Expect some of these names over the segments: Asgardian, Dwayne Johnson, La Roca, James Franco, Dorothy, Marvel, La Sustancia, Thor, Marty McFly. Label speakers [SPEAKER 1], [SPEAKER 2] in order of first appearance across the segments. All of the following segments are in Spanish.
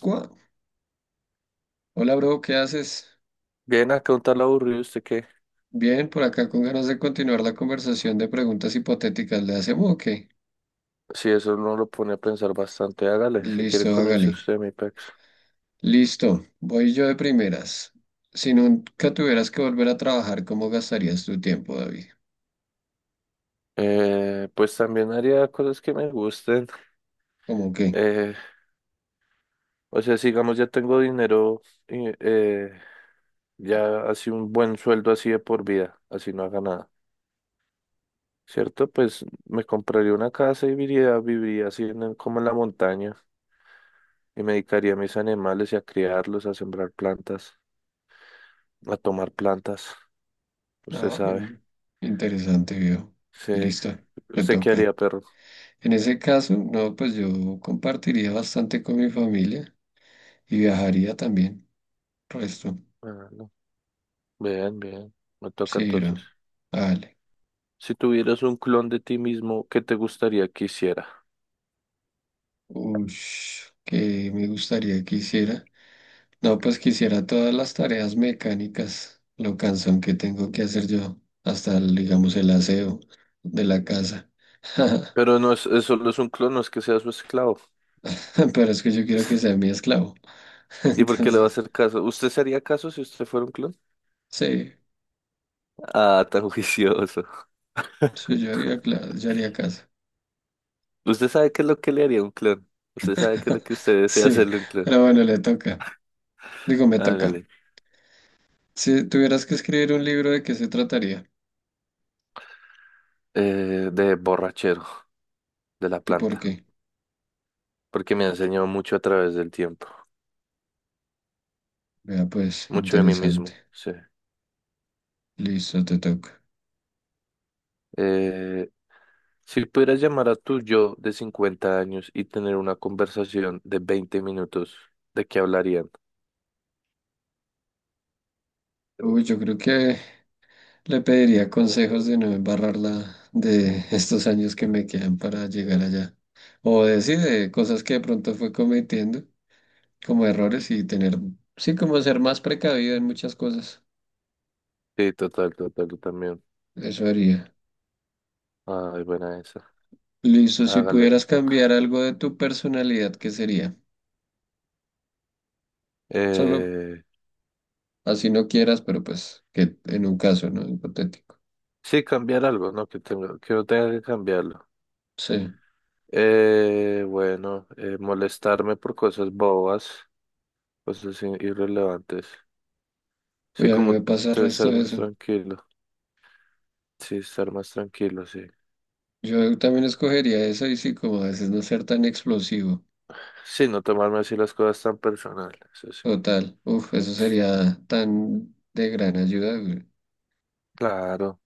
[SPEAKER 1] Cua- Hola, bro, ¿qué haces?
[SPEAKER 2] Bien, acá un tal aburrido, ¿usted qué?
[SPEAKER 1] Bien, por acá con ganas de continuar la conversación de preguntas hipotéticas. ¿Le hacemos o qué?
[SPEAKER 2] Si eso uno lo pone a pensar bastante, hágale, si quiere
[SPEAKER 1] Listo,
[SPEAKER 2] comience
[SPEAKER 1] hágale.
[SPEAKER 2] usted, mi pex.
[SPEAKER 1] Listo, voy yo de primeras. Si nunca tuvieras que volver a trabajar, ¿cómo gastarías tu tiempo, David?
[SPEAKER 2] Pues también haría cosas que me gusten.
[SPEAKER 1] ¿Cómo qué?
[SPEAKER 2] Eh, o sea, si digamos ya tengo dinero, y ya así un buen sueldo así de por vida, así no haga nada, ¿cierto? Pues me compraría una casa y viviría así en como en la montaña y me dedicaría a mis animales y a criarlos, a sembrar plantas, a tomar plantas, usted
[SPEAKER 1] Ah,
[SPEAKER 2] sabe.
[SPEAKER 1] bueno, interesante, viejo.
[SPEAKER 2] Sí,
[SPEAKER 1] Listo, te
[SPEAKER 2] ¿usted qué
[SPEAKER 1] toca.
[SPEAKER 2] haría, perro?
[SPEAKER 1] En ese caso, no, pues yo compartiría bastante con mi familia y viajaría también. Resto,
[SPEAKER 2] Ah, no. Bien, bien. Me toca
[SPEAKER 1] sí, bro.
[SPEAKER 2] entonces.
[SPEAKER 1] Vale.
[SPEAKER 2] Si tuvieras un clon de ti mismo, ¿qué te gustaría que hiciera?
[SPEAKER 1] Ush, que me gustaría que hiciera. No, pues quisiera todas las tareas mecánicas, lo cansón que tengo que hacer yo, hasta el, digamos el aseo de la casa.
[SPEAKER 2] Pero no es, es solo es un clon, no es que sea su esclavo.
[SPEAKER 1] Pero es que yo quiero que sea mi esclavo.
[SPEAKER 2] ¿Y por qué le va a
[SPEAKER 1] Entonces,
[SPEAKER 2] hacer caso? ¿Usted sería caso si usted fuera un clon?
[SPEAKER 1] sí,
[SPEAKER 2] Ah, tan juicioso.
[SPEAKER 1] yo haría casa.
[SPEAKER 2] ¿Usted sabe qué es lo que le haría un clon? ¿Usted sabe qué es lo que usted desea
[SPEAKER 1] Sí,
[SPEAKER 2] hacerle a un clon?
[SPEAKER 1] pero bueno, le toca. Digo, me toca.
[SPEAKER 2] Hágale.
[SPEAKER 1] Si tuvieras que escribir un libro, ¿de qué se trataría?
[SPEAKER 2] De borrachero, de la
[SPEAKER 1] ¿Y por
[SPEAKER 2] planta.
[SPEAKER 1] qué?
[SPEAKER 2] Porque me ha enseñado mucho a través del tiempo.
[SPEAKER 1] Vea, pues,
[SPEAKER 2] Mucho de mí
[SPEAKER 1] interesante.
[SPEAKER 2] mismo, sí.
[SPEAKER 1] Listo, te toca.
[SPEAKER 2] Eh, Si pudieras llamar a tu yo de 50 años y tener una conversación de 20 minutos, ¿de qué hablarían?
[SPEAKER 1] Uy, yo creo que le pediría consejos de no embarrarla de estos años que me quedan para llegar allá. O decir de cosas que de pronto fue cometiendo como errores y tener, sí, como ser más precavido en muchas cosas.
[SPEAKER 2] Sí, total, total, yo también.
[SPEAKER 1] Eso haría.
[SPEAKER 2] Ay, buena esa.
[SPEAKER 1] Listo, si
[SPEAKER 2] Hágale, te
[SPEAKER 1] pudieras cambiar
[SPEAKER 2] toca.
[SPEAKER 1] algo de tu personalidad, ¿qué sería? Solo
[SPEAKER 2] Eh,
[SPEAKER 1] así no quieras, pero pues que en un caso, ¿no? Hipotético.
[SPEAKER 2] sí, cambiar algo, ¿no? Que tengo, que no tenga que cambiarlo.
[SPEAKER 1] Sí.
[SPEAKER 2] Eh, bueno, molestarme por cosas bobas, cosas irrelevantes.
[SPEAKER 1] Uy,
[SPEAKER 2] Sí,
[SPEAKER 1] a mí
[SPEAKER 2] como
[SPEAKER 1] me pasa el resto
[SPEAKER 2] ser
[SPEAKER 1] de
[SPEAKER 2] más
[SPEAKER 1] eso.
[SPEAKER 2] tranquilo. Sí, estar más tranquilo, sí.
[SPEAKER 1] Yo también escogería eso y sí, como a veces no ser tan explosivo.
[SPEAKER 2] Sí, no tomarme así las cosas tan personales, eso sí.
[SPEAKER 1] Total, uf, eso sería tan de gran ayuda, güey.
[SPEAKER 2] Claro.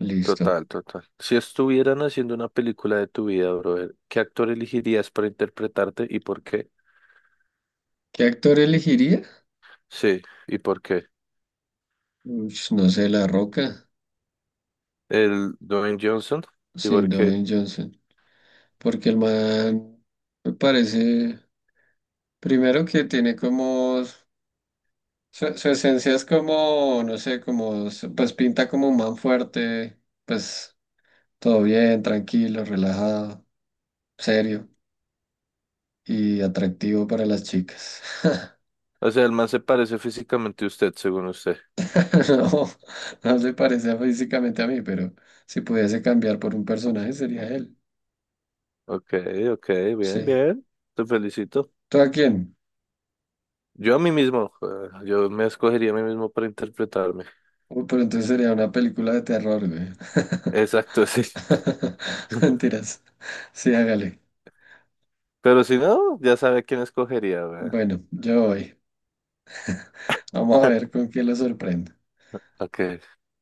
[SPEAKER 1] Listo.
[SPEAKER 2] Total, total. Si estuvieran haciendo una película de tu vida, brother, ¿qué actor elegirías para interpretarte y por qué?
[SPEAKER 1] ¿Qué actor elegiría?
[SPEAKER 2] Sí, ¿y por qué?
[SPEAKER 1] Ush, no sé, La Roca,
[SPEAKER 2] El Dwayne Johnson, ¿y
[SPEAKER 1] sí,
[SPEAKER 2] por qué?
[SPEAKER 1] Dwayne Johnson, porque el man me parece, primero que tiene como, su esencia es como, no sé, como, pues pinta como un man fuerte, pues todo bien, tranquilo, relajado, serio y atractivo para las chicas.
[SPEAKER 2] O sea, el man se parece físicamente a usted, según usted.
[SPEAKER 1] No, no se parece físicamente a mí, pero si pudiese cambiar por un personaje sería él.
[SPEAKER 2] Ok, ok, bien,
[SPEAKER 1] Sí.
[SPEAKER 2] bien. Te felicito.
[SPEAKER 1] ¿Tú a quién?
[SPEAKER 2] Yo a mí mismo, yo me escogería a mí mismo para interpretarme.
[SPEAKER 1] Uy, pero entonces sería una película de terror, güey.
[SPEAKER 2] Exacto, sí.
[SPEAKER 1] Mentiras. Sí, hágale.
[SPEAKER 2] Pero si no, ya sabe quién escogería, weón.
[SPEAKER 1] Bueno, yo voy. Vamos a ver con quién lo sorprendo.
[SPEAKER 2] Ok.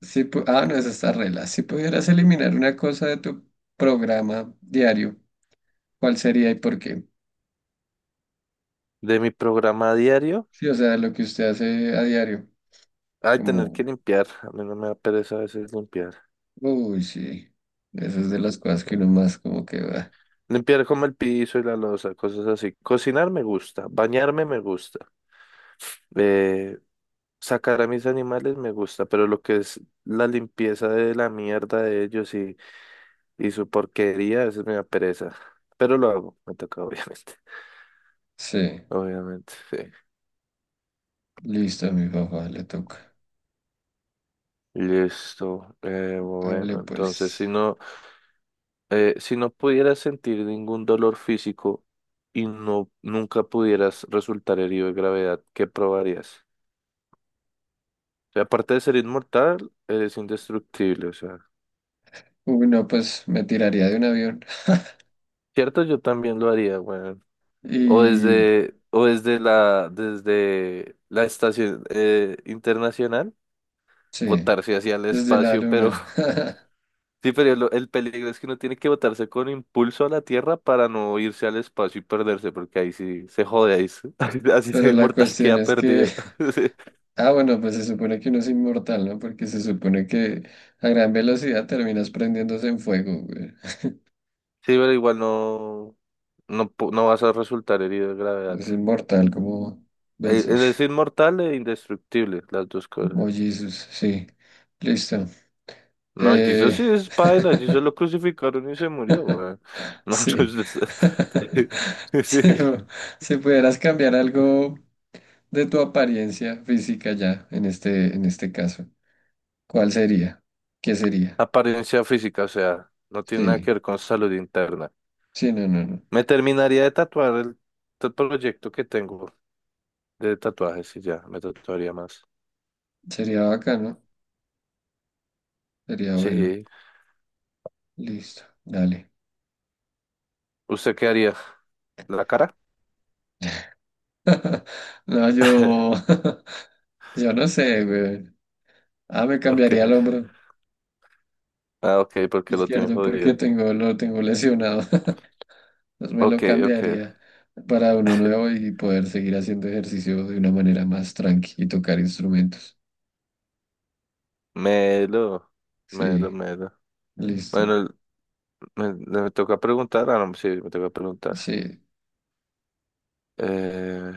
[SPEAKER 1] No, esa está regla. Si pudieras eliminar una cosa de tu programa diario, ¿cuál sería y por qué?
[SPEAKER 2] De mi programa diario,
[SPEAKER 1] Sí, o sea, lo que usted hace a diario,
[SPEAKER 2] ay, tener
[SPEAKER 1] como
[SPEAKER 2] que limpiar. A mí no me da pereza a veces limpiar.
[SPEAKER 1] Uy, sí. Esas es de las cosas que uno
[SPEAKER 2] Bueno,
[SPEAKER 1] más como que va.
[SPEAKER 2] limpiar como el piso y la loza, cosas así. Cocinar me gusta, bañarme me gusta, eh, sacar a mis animales me gusta, pero lo que es la limpieza de la mierda de ellos y su porquería, eso me da pereza. Pero lo hago, me toca obviamente.
[SPEAKER 1] Sí,
[SPEAKER 2] Obviamente, sí.
[SPEAKER 1] listo, a mi papá le toca.
[SPEAKER 2] Listo.
[SPEAKER 1] Hágale
[SPEAKER 2] Bueno, entonces
[SPEAKER 1] pues.
[SPEAKER 2] si no pudieras sentir ningún dolor físico y no nunca pudieras resultar herido de gravedad, ¿qué probarías? O sea, aparte de ser inmortal, eres indestructible, o sea.
[SPEAKER 1] Uy, no, pues me tiraría de un avión.
[SPEAKER 2] Cierto, yo también lo haría, weón.
[SPEAKER 1] Y
[SPEAKER 2] O desde desde la estación internacional,
[SPEAKER 1] sí,
[SPEAKER 2] botarse hacia el
[SPEAKER 1] desde la
[SPEAKER 2] espacio, pero
[SPEAKER 1] luna.
[SPEAKER 2] sí, pero el peligro es que uno tiene que botarse con impulso a la Tierra para no irse al espacio y perderse, porque ahí sí se jode, ahí, así así sea
[SPEAKER 1] Pero la
[SPEAKER 2] inmortal
[SPEAKER 1] cuestión
[SPEAKER 2] queda
[SPEAKER 1] es que,
[SPEAKER 2] perdido.
[SPEAKER 1] ah, bueno, pues se supone que uno es inmortal, ¿no? Porque se supone que a gran velocidad terminas prendiéndose en fuego, güey.
[SPEAKER 2] Sí, pero igual no, no vas a resultar herido de gravedad.
[SPEAKER 1] Es inmortal como Belce.
[SPEAKER 2] Él es inmortal e indestructible, las dos cosas.
[SPEAKER 1] Mollizos, sí. Listo.
[SPEAKER 2] No, Jesús
[SPEAKER 1] Eh,
[SPEAKER 2] sí es paila, Jesús lo crucificaron y se murió, weón. No,
[SPEAKER 1] Sí.
[SPEAKER 2] pues, sí,
[SPEAKER 1] Si, si pudieras cambiar algo de tu apariencia física ya, en este caso, ¿cuál sería? ¿Qué sería?
[SPEAKER 2] apariencia física, o sea, no tiene nada que
[SPEAKER 1] Sí,
[SPEAKER 2] ver con salud interna.
[SPEAKER 1] sí, no, no, no.
[SPEAKER 2] Me terminaría de tatuar proyecto que tengo de tatuajes y ya, me tatuaría más.
[SPEAKER 1] Sería bacano, sería bueno.
[SPEAKER 2] Sí,
[SPEAKER 1] Listo, dale.
[SPEAKER 2] ¿usted qué haría? ¿La cara?
[SPEAKER 1] No, yo, yo no sé, güey. Ah, me
[SPEAKER 2] Ok,
[SPEAKER 1] cambiaría el hombro
[SPEAKER 2] ah, ok, porque lo tiene
[SPEAKER 1] izquierdo porque
[SPEAKER 2] jodido.
[SPEAKER 1] tengo, lo tengo lesionado. Pues me lo
[SPEAKER 2] Ok, ok,
[SPEAKER 1] cambiaría para uno nuevo y poder seguir haciendo ejercicio de una manera más tranqui y tocar instrumentos.
[SPEAKER 2] melo, melo,
[SPEAKER 1] Sí,
[SPEAKER 2] melo.
[SPEAKER 1] listo.
[SPEAKER 2] Bueno, me toca preguntar, ah, no, sí, me toca preguntar.
[SPEAKER 1] Sí,
[SPEAKER 2] Eh,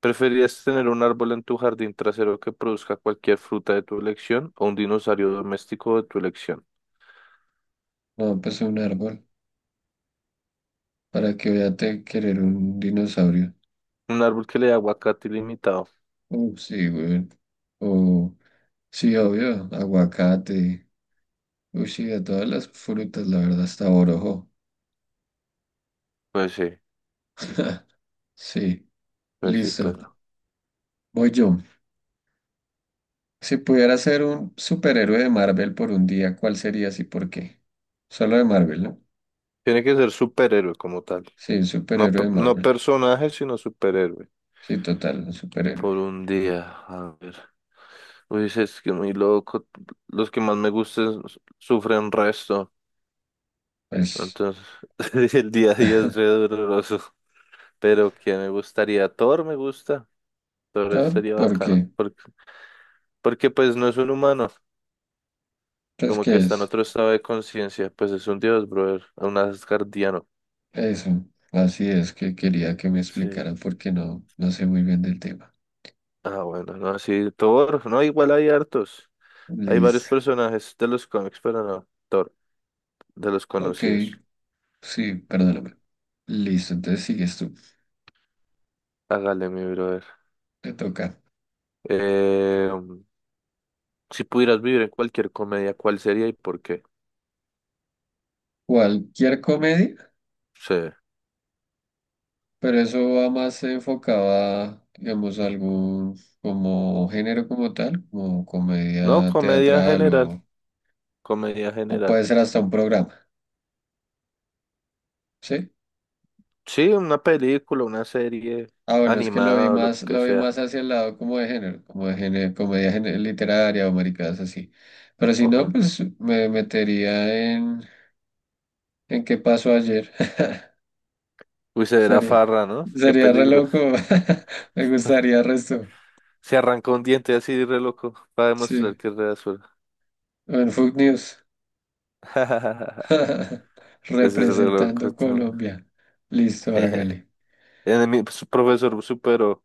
[SPEAKER 2] ¿Preferirías tener un árbol en tu jardín trasero que produzca cualquier fruta de tu elección o un dinosaurio doméstico de tu elección?
[SPEAKER 1] no, pues un árbol. ¿Para que voy a querer un dinosaurio?
[SPEAKER 2] Un árbol que le dé aguacate ilimitado.
[SPEAKER 1] Sí, güey. O, sí, obvio, aguacate. Uy, sí, de todas las frutas, la verdad, hasta borojo.
[SPEAKER 2] Pues sí,
[SPEAKER 1] Sí,
[SPEAKER 2] pues sí,
[SPEAKER 1] listo.
[SPEAKER 2] pero.
[SPEAKER 1] Voy yo. Si pudiera ser un superhéroe de Marvel por un día, ¿cuál serías y por qué? ¿Solo de Marvel, no?
[SPEAKER 2] Tiene que ser superhéroe como tal.
[SPEAKER 1] Sí, un
[SPEAKER 2] No,
[SPEAKER 1] superhéroe de
[SPEAKER 2] no
[SPEAKER 1] Marvel.
[SPEAKER 2] personaje, sino superhéroe.
[SPEAKER 1] Sí, total, un superhéroe.
[SPEAKER 2] Por un día, a ver. Uy, sí, es que muy loco. Los que más me gustan sufren resto.
[SPEAKER 1] Pues,
[SPEAKER 2] Entonces, el día a día es re doloroso. Pero que me gustaría, Thor me gusta, Thor
[SPEAKER 1] Thor,
[SPEAKER 2] estaría
[SPEAKER 1] ¿por
[SPEAKER 2] bacano,
[SPEAKER 1] qué?
[SPEAKER 2] porque, porque pues no es un humano,
[SPEAKER 1] Pues,
[SPEAKER 2] como
[SPEAKER 1] ¿qué
[SPEAKER 2] que está en
[SPEAKER 1] es?
[SPEAKER 2] otro estado de conciencia, pues es un dios, brother, un asgardiano,
[SPEAKER 1] Eso. Así es que quería que me
[SPEAKER 2] sí.
[SPEAKER 1] explicara porque no, no sé muy bien del tema.
[SPEAKER 2] Ah, bueno, no, sí, Thor, no, igual hay hartos, hay varios
[SPEAKER 1] Liz.
[SPEAKER 2] personajes de los cómics, pero no, Thor, de los
[SPEAKER 1] Ok,
[SPEAKER 2] conocidos,
[SPEAKER 1] sí, perdóname. Listo, entonces sigues tú.
[SPEAKER 2] hágale mi brother.
[SPEAKER 1] Te toca.
[SPEAKER 2] Eh, si pudieras vivir en cualquier comedia, ¿cuál sería y por qué?
[SPEAKER 1] Cualquier comedia,
[SPEAKER 2] Sí,
[SPEAKER 1] pero eso va más enfocado a, digamos, algún como género como tal, como
[SPEAKER 2] no,
[SPEAKER 1] comedia
[SPEAKER 2] comedia
[SPEAKER 1] teatral
[SPEAKER 2] general, comedia
[SPEAKER 1] o
[SPEAKER 2] general.
[SPEAKER 1] puede ser hasta un programa, ¿sí?
[SPEAKER 2] Sí, una película, una serie
[SPEAKER 1] Ah, bueno, es que
[SPEAKER 2] animada o lo que
[SPEAKER 1] lo vi
[SPEAKER 2] sea.
[SPEAKER 1] más hacia el lado como de género, literaria o maricadas así. Pero si
[SPEAKER 2] O
[SPEAKER 1] no,
[SPEAKER 2] sea,
[SPEAKER 1] pues me metería en qué pasó ayer.
[SPEAKER 2] uy, se verá
[SPEAKER 1] Sería,
[SPEAKER 2] farra, ¿no? Qué
[SPEAKER 1] sería re
[SPEAKER 2] peligro.
[SPEAKER 1] loco. Me gustaría el resto.
[SPEAKER 2] Se arrancó un diente así re loco para demostrar
[SPEAKER 1] Sí.
[SPEAKER 2] que es re azul.
[SPEAKER 1] O en Food News.
[SPEAKER 2] Ese es re loco.
[SPEAKER 1] Representando
[SPEAKER 2] Tom.
[SPEAKER 1] Colombia. Listo, hágale.
[SPEAKER 2] En mi profesor superó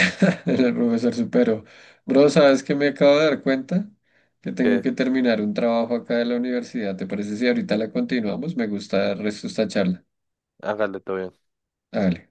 [SPEAKER 1] El profesor supero. Bro, ¿sabes qué me acabo de dar cuenta? Que tengo
[SPEAKER 2] que
[SPEAKER 1] que terminar un trabajo acá de la universidad. ¿Te parece si ahorita la continuamos? Me gusta el resto de esta charla.
[SPEAKER 2] hágale todo bien.
[SPEAKER 1] Hágale.